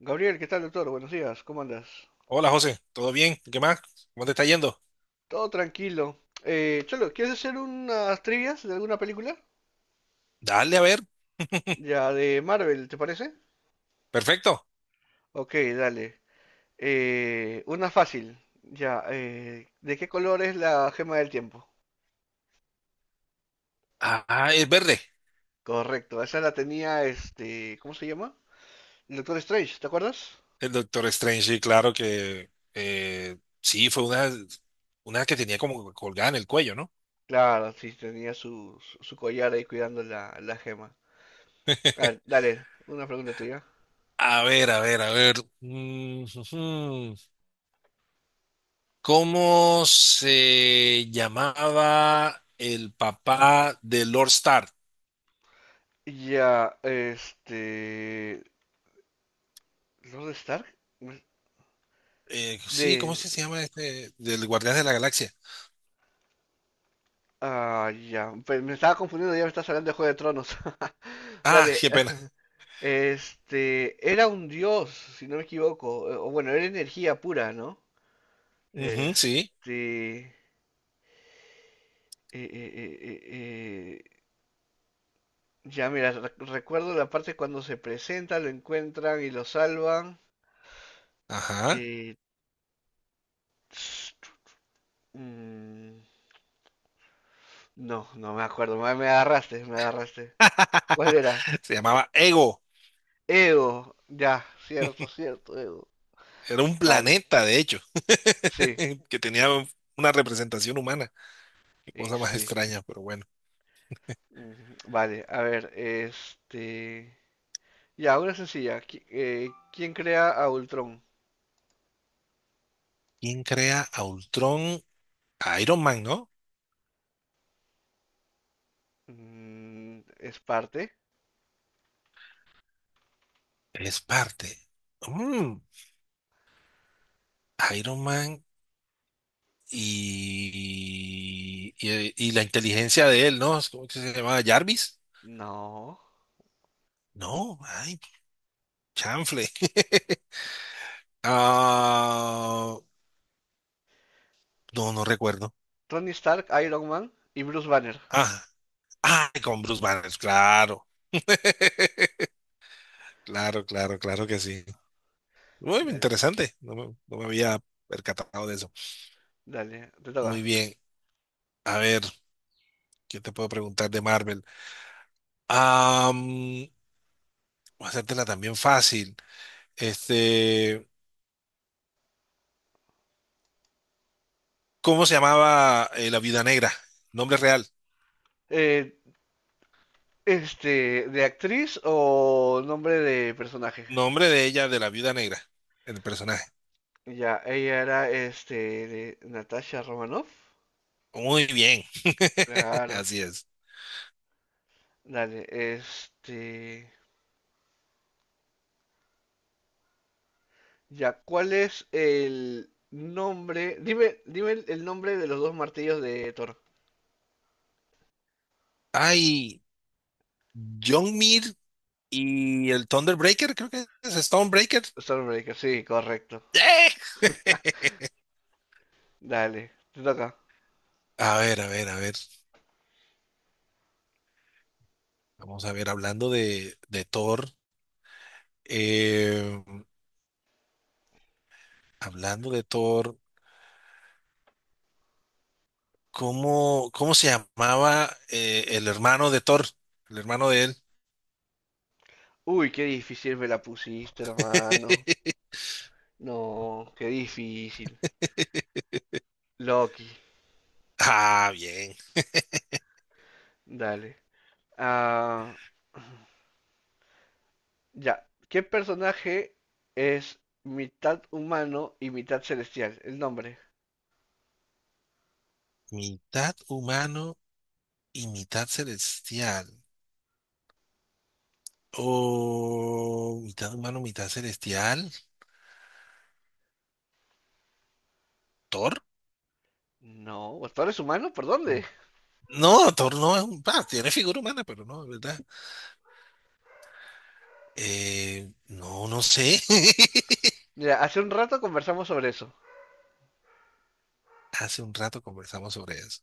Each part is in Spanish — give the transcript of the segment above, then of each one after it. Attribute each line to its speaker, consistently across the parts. Speaker 1: Gabriel, ¿qué tal, doctor? Buenos días, ¿cómo andas?
Speaker 2: Hola José, ¿todo bien? ¿Qué más? ¿Cómo te está yendo?
Speaker 1: Todo tranquilo. Cholo, ¿quieres hacer unas trivias de alguna película?
Speaker 2: Dale, a ver.
Speaker 1: Ya, de Marvel, ¿te parece?
Speaker 2: Perfecto.
Speaker 1: Ok, dale. Una fácil. Ya, ¿de qué color es la gema del tiempo?
Speaker 2: Ah, es verde.
Speaker 1: Correcto, esa la tenía este, ¿cómo se llama? El Doctor Strange, ¿te acuerdas?
Speaker 2: El Doctor Strange, sí, claro que sí, fue una que tenía como colgada en el cuello, ¿no?
Speaker 1: Claro, sí, tenía su collar ahí cuidando la gema. A ver, dale, una pregunta tuya.
Speaker 2: A ver, a ver, a ver. Mm, ujú. ¿Cómo se llamaba el papá de Lord Stark?
Speaker 1: Ya, este. ¿Lord Stark?
Speaker 2: Sí, ¿cómo es
Speaker 1: De.
Speaker 2: que se llama este? Del Guardián de la Galaxia.
Speaker 1: Ah, ya. Me estaba confundiendo, ya me estás hablando de Juego de Tronos.
Speaker 2: Ah,
Speaker 1: Dale.
Speaker 2: qué pena.
Speaker 1: Este. Era un dios, si no me equivoco. O bueno, era energía pura, ¿no?
Speaker 2: Ujú, sí.
Speaker 1: Este. Eh, eh, eh, eh, Ya, mira, recuerdo la parte cuando se presenta, lo encuentran y lo salvan.
Speaker 2: Ajá.
Speaker 1: Eh, tss, mm, no, no me acuerdo. Me agarraste, me agarraste. ¿Cuál era?
Speaker 2: Se llamaba Ego.
Speaker 1: Ego. Ya, cierto, cierto, Ego.
Speaker 2: Era un
Speaker 1: Vale.
Speaker 2: planeta, de hecho,
Speaker 1: Sí,
Speaker 2: que tenía una representación humana. Qué
Speaker 1: y
Speaker 2: cosa más
Speaker 1: sí.
Speaker 2: extraña, pero bueno.
Speaker 1: Mm, vale, a ver, este... Ya, una sencilla. ¿Quién crea a Ultron?
Speaker 2: ¿Quién crea a Ultron? A Iron Man, ¿no?
Speaker 1: Mm, ¿es parte?
Speaker 2: Él es parte. Mm, Iron Man y la inteligencia de él, ¿no? ¿Cómo que se llamaba? ¿Jarvis?
Speaker 1: No.
Speaker 2: No, ay, chanfle. Ah, no, no recuerdo.
Speaker 1: Tony Stark, Iron Man y Bruce Banner.
Speaker 2: Ah, ay, con Bruce Banner, claro. Claro, claro, claro que sí. Muy
Speaker 1: Dale,
Speaker 2: interesante. No me había percatado de eso.
Speaker 1: te
Speaker 2: Muy
Speaker 1: toca.
Speaker 2: bien. A ver, ¿qué te puedo preguntar de Marvel? Am, voy a hacértela también fácil. Este, ¿cómo se llamaba la Viuda Negra? Nombre real.
Speaker 1: Eh, este, ¿de actriz o nombre de personaje?
Speaker 2: Nombre de ella, de la Viuda Negra, el personaje.
Speaker 1: Ya, ella era, este, de Natasha Romanoff.
Speaker 2: Muy bien.
Speaker 1: Claro,
Speaker 2: Así es.
Speaker 1: dale, este... Ya, ¿cuál es el nombre? Dime, dime el nombre de los dos martillos de Thor.
Speaker 2: Ay, John Mir y el Thunderbreaker, creo que es Stonebreaker.
Speaker 1: Stormbreaker, sí, correcto.
Speaker 2: ¡Eh!
Speaker 1: Dale, te toca.
Speaker 2: A ver, a ver, a ver. Vamos a ver, hablando de Thor, eh, hablando de Thor, ¿cómo se llamaba el hermano de Thor? El hermano de él.
Speaker 1: Uy, qué difícil me la pusiste, hermano. No, qué difícil. Loki,
Speaker 2: Ah, bien.
Speaker 1: dale. Ah, ya. ¿Qué personaje es mitad humano y mitad celestial? El nombre.
Speaker 2: Mitad humano y mitad celestial. O mitad humano, mitad celestial. ¿Thor?
Speaker 1: No, ¿Thor es humano? ¿Por dónde?
Speaker 2: No, Thor no es un... ah, tiene figura humana, pero no, es ¿verdad? No, no sé.
Speaker 1: Mira, hace un rato conversamos sobre eso.
Speaker 2: Hace un rato conversamos sobre eso.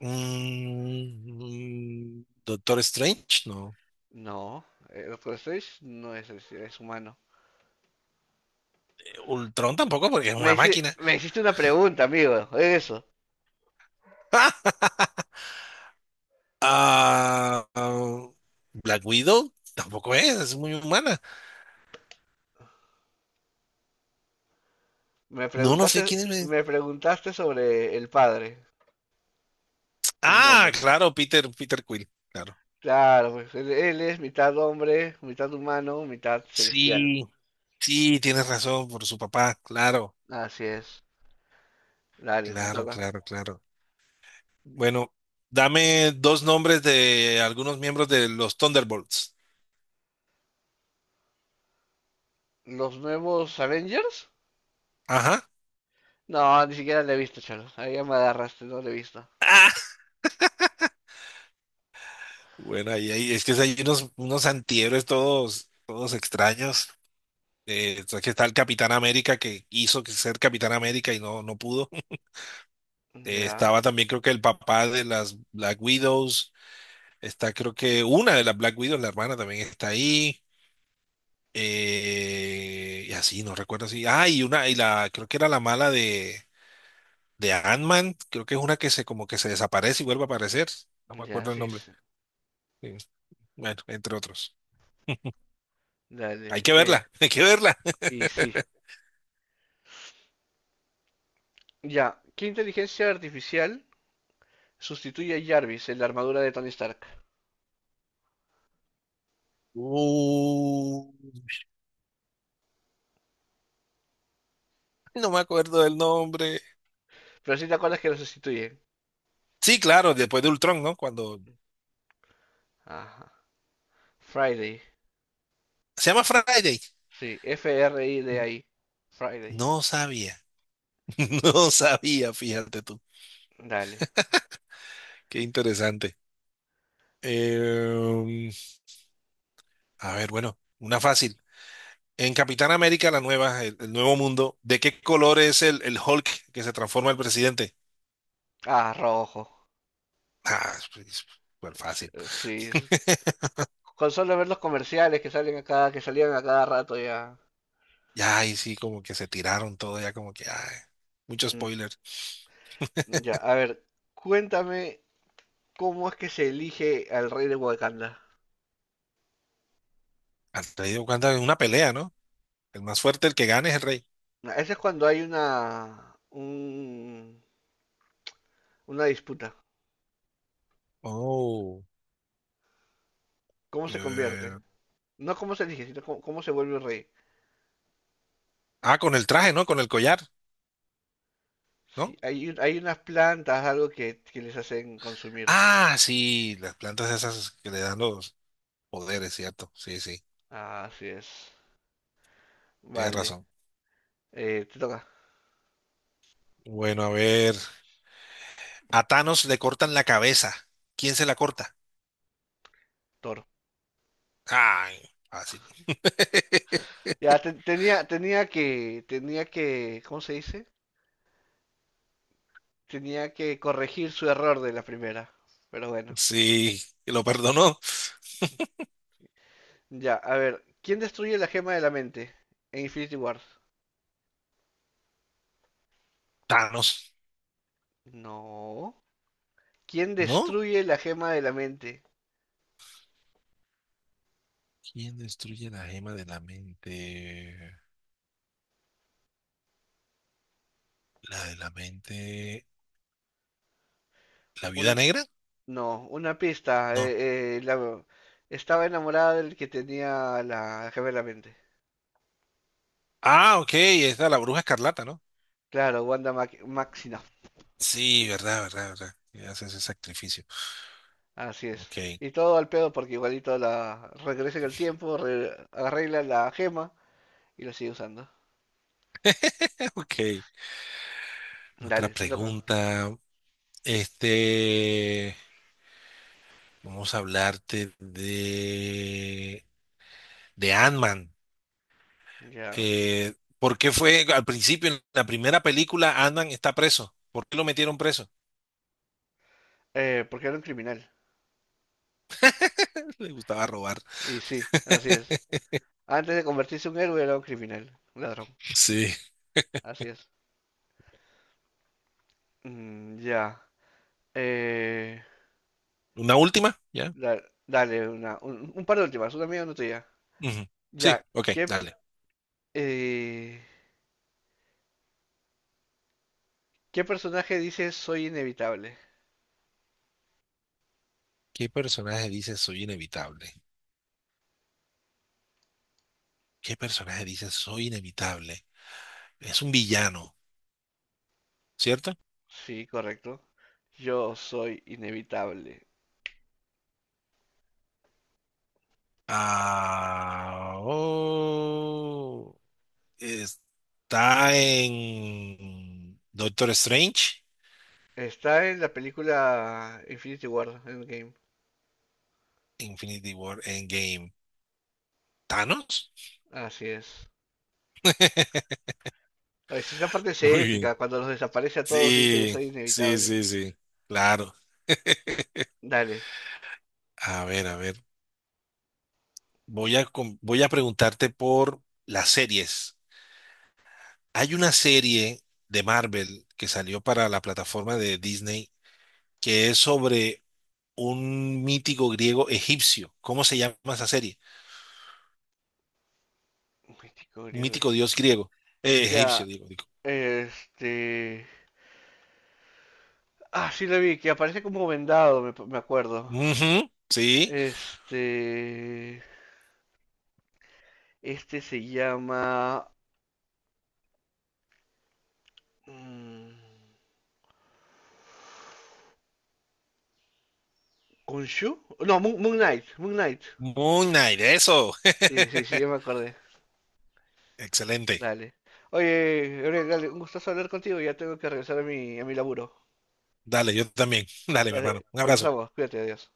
Speaker 2: Mm, Doctor Strange, no.
Speaker 1: No, Doctor Strange no es celestial, es humano.
Speaker 2: Ultron tampoco, porque es una máquina.
Speaker 1: Me hiciste una pregunta, amigo. Eso.
Speaker 2: Ah, ah, Black Widow tampoco es muy humana.
Speaker 1: Me
Speaker 2: No, no
Speaker 1: preguntaste,
Speaker 2: sé quién es.
Speaker 1: me preguntaste sobre el padre, el
Speaker 2: Ah,
Speaker 1: nombre.
Speaker 2: claro, Peter Quill, claro.
Speaker 1: Claro, pues él es mitad hombre, mitad humano, mitad celestial.
Speaker 2: Sí, sí, tienes razón por su papá, claro,
Speaker 1: Así es. Dale, te
Speaker 2: claro,
Speaker 1: toca.
Speaker 2: claro, claro. Bueno, dame dos nombres de algunos miembros de los Thunderbolts.
Speaker 1: ¿Los nuevos Avengers?
Speaker 2: Ajá.
Speaker 1: No, ni siquiera le he visto, chalo. Ahí ya me agarraste, no le he visto.
Speaker 2: Bueno, es que hay unos antihéroes todos extraños. Que está el Capitán América que hizo que ser Capitán América y no, no pudo.
Speaker 1: Ya,
Speaker 2: Estaba también creo que el papá de las Black Widows. Está creo que una de las Black Widows, la hermana también está ahí. Y así, no recuerdo así. Ah, creo que era la mala de Ant-Man. Creo que es una que se como que se desaparece y vuelve a aparecer. No me
Speaker 1: ya,
Speaker 2: acuerdo el
Speaker 1: sí,
Speaker 2: nombre.
Speaker 1: sí.
Speaker 2: Sí. Bueno, entre otros. Hay
Speaker 1: Dale,
Speaker 2: que verla, hay que verla.
Speaker 1: y sí. Ya, ¿qué inteligencia artificial sustituye a Jarvis en la armadura de Tony Stark?
Speaker 2: Uh, no me acuerdo del nombre.
Speaker 1: Pero si te acuerdas que lo sustituye.
Speaker 2: Sí, claro, después de Ultron, ¿no? Cuando
Speaker 1: Ajá. Friday.
Speaker 2: se llama Friday.
Speaker 1: Sí, FRIDAI. Friday.
Speaker 2: No sabía, no sabía, fíjate tú.
Speaker 1: Dale.
Speaker 2: Qué interesante. Eh, a ver, bueno, una fácil. En Capitán América, la nueva, el nuevo mundo, ¿de qué color es el Hulk que se transforma el presidente?
Speaker 1: Ah, rojo.
Speaker 2: Ah, pues, súper fácil.
Speaker 1: Sí, con solo ver los comerciales que salen a cada que salían a cada rato ya.
Speaker 2: Ya, y sí, como que se tiraron todo, ya como que, ay, mucho
Speaker 1: Mm,
Speaker 2: spoiler.
Speaker 1: ya, a ver, cuéntame cómo es que se elige al rey de Wakanda.
Speaker 2: Han traído cuenta de una pelea, ¿no? El más fuerte, el que gane es el rey.
Speaker 1: Ah, ese es cuando hay una disputa.
Speaker 2: Oh.
Speaker 1: ¿Cómo se convierte?
Speaker 2: eh,
Speaker 1: No cómo se elige, sino cómo, cómo se vuelve rey.
Speaker 2: ah, con el traje, ¿no? Con el collar,
Speaker 1: Sí,
Speaker 2: ¿no?
Speaker 1: hay, hay unas plantas, algo que les hacen consumir.
Speaker 2: Ah, sí, las plantas esas que le dan los poderes, ¿cierto? Sí, sí,
Speaker 1: Ah, así es.
Speaker 2: tienes
Speaker 1: Vale,
Speaker 2: razón.
Speaker 1: te toca,
Speaker 2: Bueno, a ver. A Thanos le cortan la cabeza. ¿Quién se la corta?
Speaker 1: Toro.
Speaker 2: Ay, así.
Speaker 1: Tenía, tenía que, ¿cómo se dice? Tenía que corregir su error de la primera. Pero bueno.
Speaker 2: Sí, lo perdonó.
Speaker 1: Ya, a ver, ¿quién destruye la gema de la mente en Infinity Wars?
Speaker 2: Thanos,
Speaker 1: No. ¿Quién
Speaker 2: ¿no?
Speaker 1: destruye la gema de la mente?
Speaker 2: ¿Quién destruye la gema de la mente? La de la mente. ¿La
Speaker 1: Un,
Speaker 2: viuda negra?
Speaker 1: no, una pista.
Speaker 2: No.
Speaker 1: Estaba enamorada del que tenía la gema de la mente.
Speaker 2: Ah, ok, esta es la bruja escarlata, ¿no?
Speaker 1: Claro, Wanda Maximoff.
Speaker 2: Sí, verdad, verdad, verdad. Y haces ese sacrificio.
Speaker 1: Así es.
Speaker 2: Ok,
Speaker 1: Y todo al pedo porque igualito la regresa en el tiempo, arreglan la gema y la sigue usando.
Speaker 2: ok. Otra
Speaker 1: Dale, te toca.
Speaker 2: pregunta. Este, vamos a hablarte de Ant-Man.
Speaker 1: Ya.
Speaker 2: ¿Por qué fue al principio, en la primera película, Ant-Man está preso? ¿Por qué lo metieron preso?
Speaker 1: Porque era un criminal.
Speaker 2: Le gustaba robar.
Speaker 1: Y sí, así es. Antes de convertirse en un héroe era un criminal, un ladrón.
Speaker 2: Sí.
Speaker 1: Así es. Mm, ya. Eh,
Speaker 2: ¿Una última? ¿Ya?
Speaker 1: dale, una, un par de últimas, una mía y una tuya.
Speaker 2: Ujú. Sí,
Speaker 1: Ya.
Speaker 2: ok,
Speaker 1: ¿Qué,
Speaker 2: dale.
Speaker 1: eh, ¿Qué personaje dice soy inevitable?
Speaker 2: ¿Qué personaje dice soy inevitable? ¿Qué personaje dice soy inevitable? Es un villano, ¿cierto?
Speaker 1: Sí, correcto. Yo soy inevitable.
Speaker 2: Ah, oh, está en Doctor Strange,
Speaker 1: Está en la película Infinity War, Endgame.
Speaker 2: Infinity War, Endgame. ¿Thanos?
Speaker 1: Así es. Ay, si esa parte es
Speaker 2: Muy bien.
Speaker 1: épica, cuando los desaparece a todos y dice yo
Speaker 2: Sí,
Speaker 1: soy
Speaker 2: sí,
Speaker 1: inevitable.
Speaker 2: sí, sí. Claro.
Speaker 1: Dale.
Speaker 2: A ver, a ver. Voy a, voy a preguntarte por las series. Hay una serie de Marvel que salió para la plataforma de Disney que es sobre un mítico griego egipcio. ¿Cómo se llama esa serie?
Speaker 1: Mítico griego
Speaker 2: Mítico dios
Speaker 1: egipcio.
Speaker 2: griego, egipcio,
Speaker 1: Ya,
Speaker 2: digo, digo.
Speaker 1: este... Ah, sí lo vi, que aparece como vendado, me acuerdo.
Speaker 2: Ujú, sí,
Speaker 1: Este... Este se llama... mm, ¿Khonshu? No, Moon, Moon Knight, Moon Knight.
Speaker 2: Moon Knight, eso.
Speaker 1: Sí, sí, sí, yo me acordé.
Speaker 2: Excelente.
Speaker 1: Dale. Oye, Gabriel, dale, un gustazo hablar contigo. Ya tengo que regresar a mi laburo.
Speaker 2: Dale, yo también. Dale, mi
Speaker 1: Dale,
Speaker 2: hermano. Un abrazo.
Speaker 1: conversamos. Cuídate, adiós.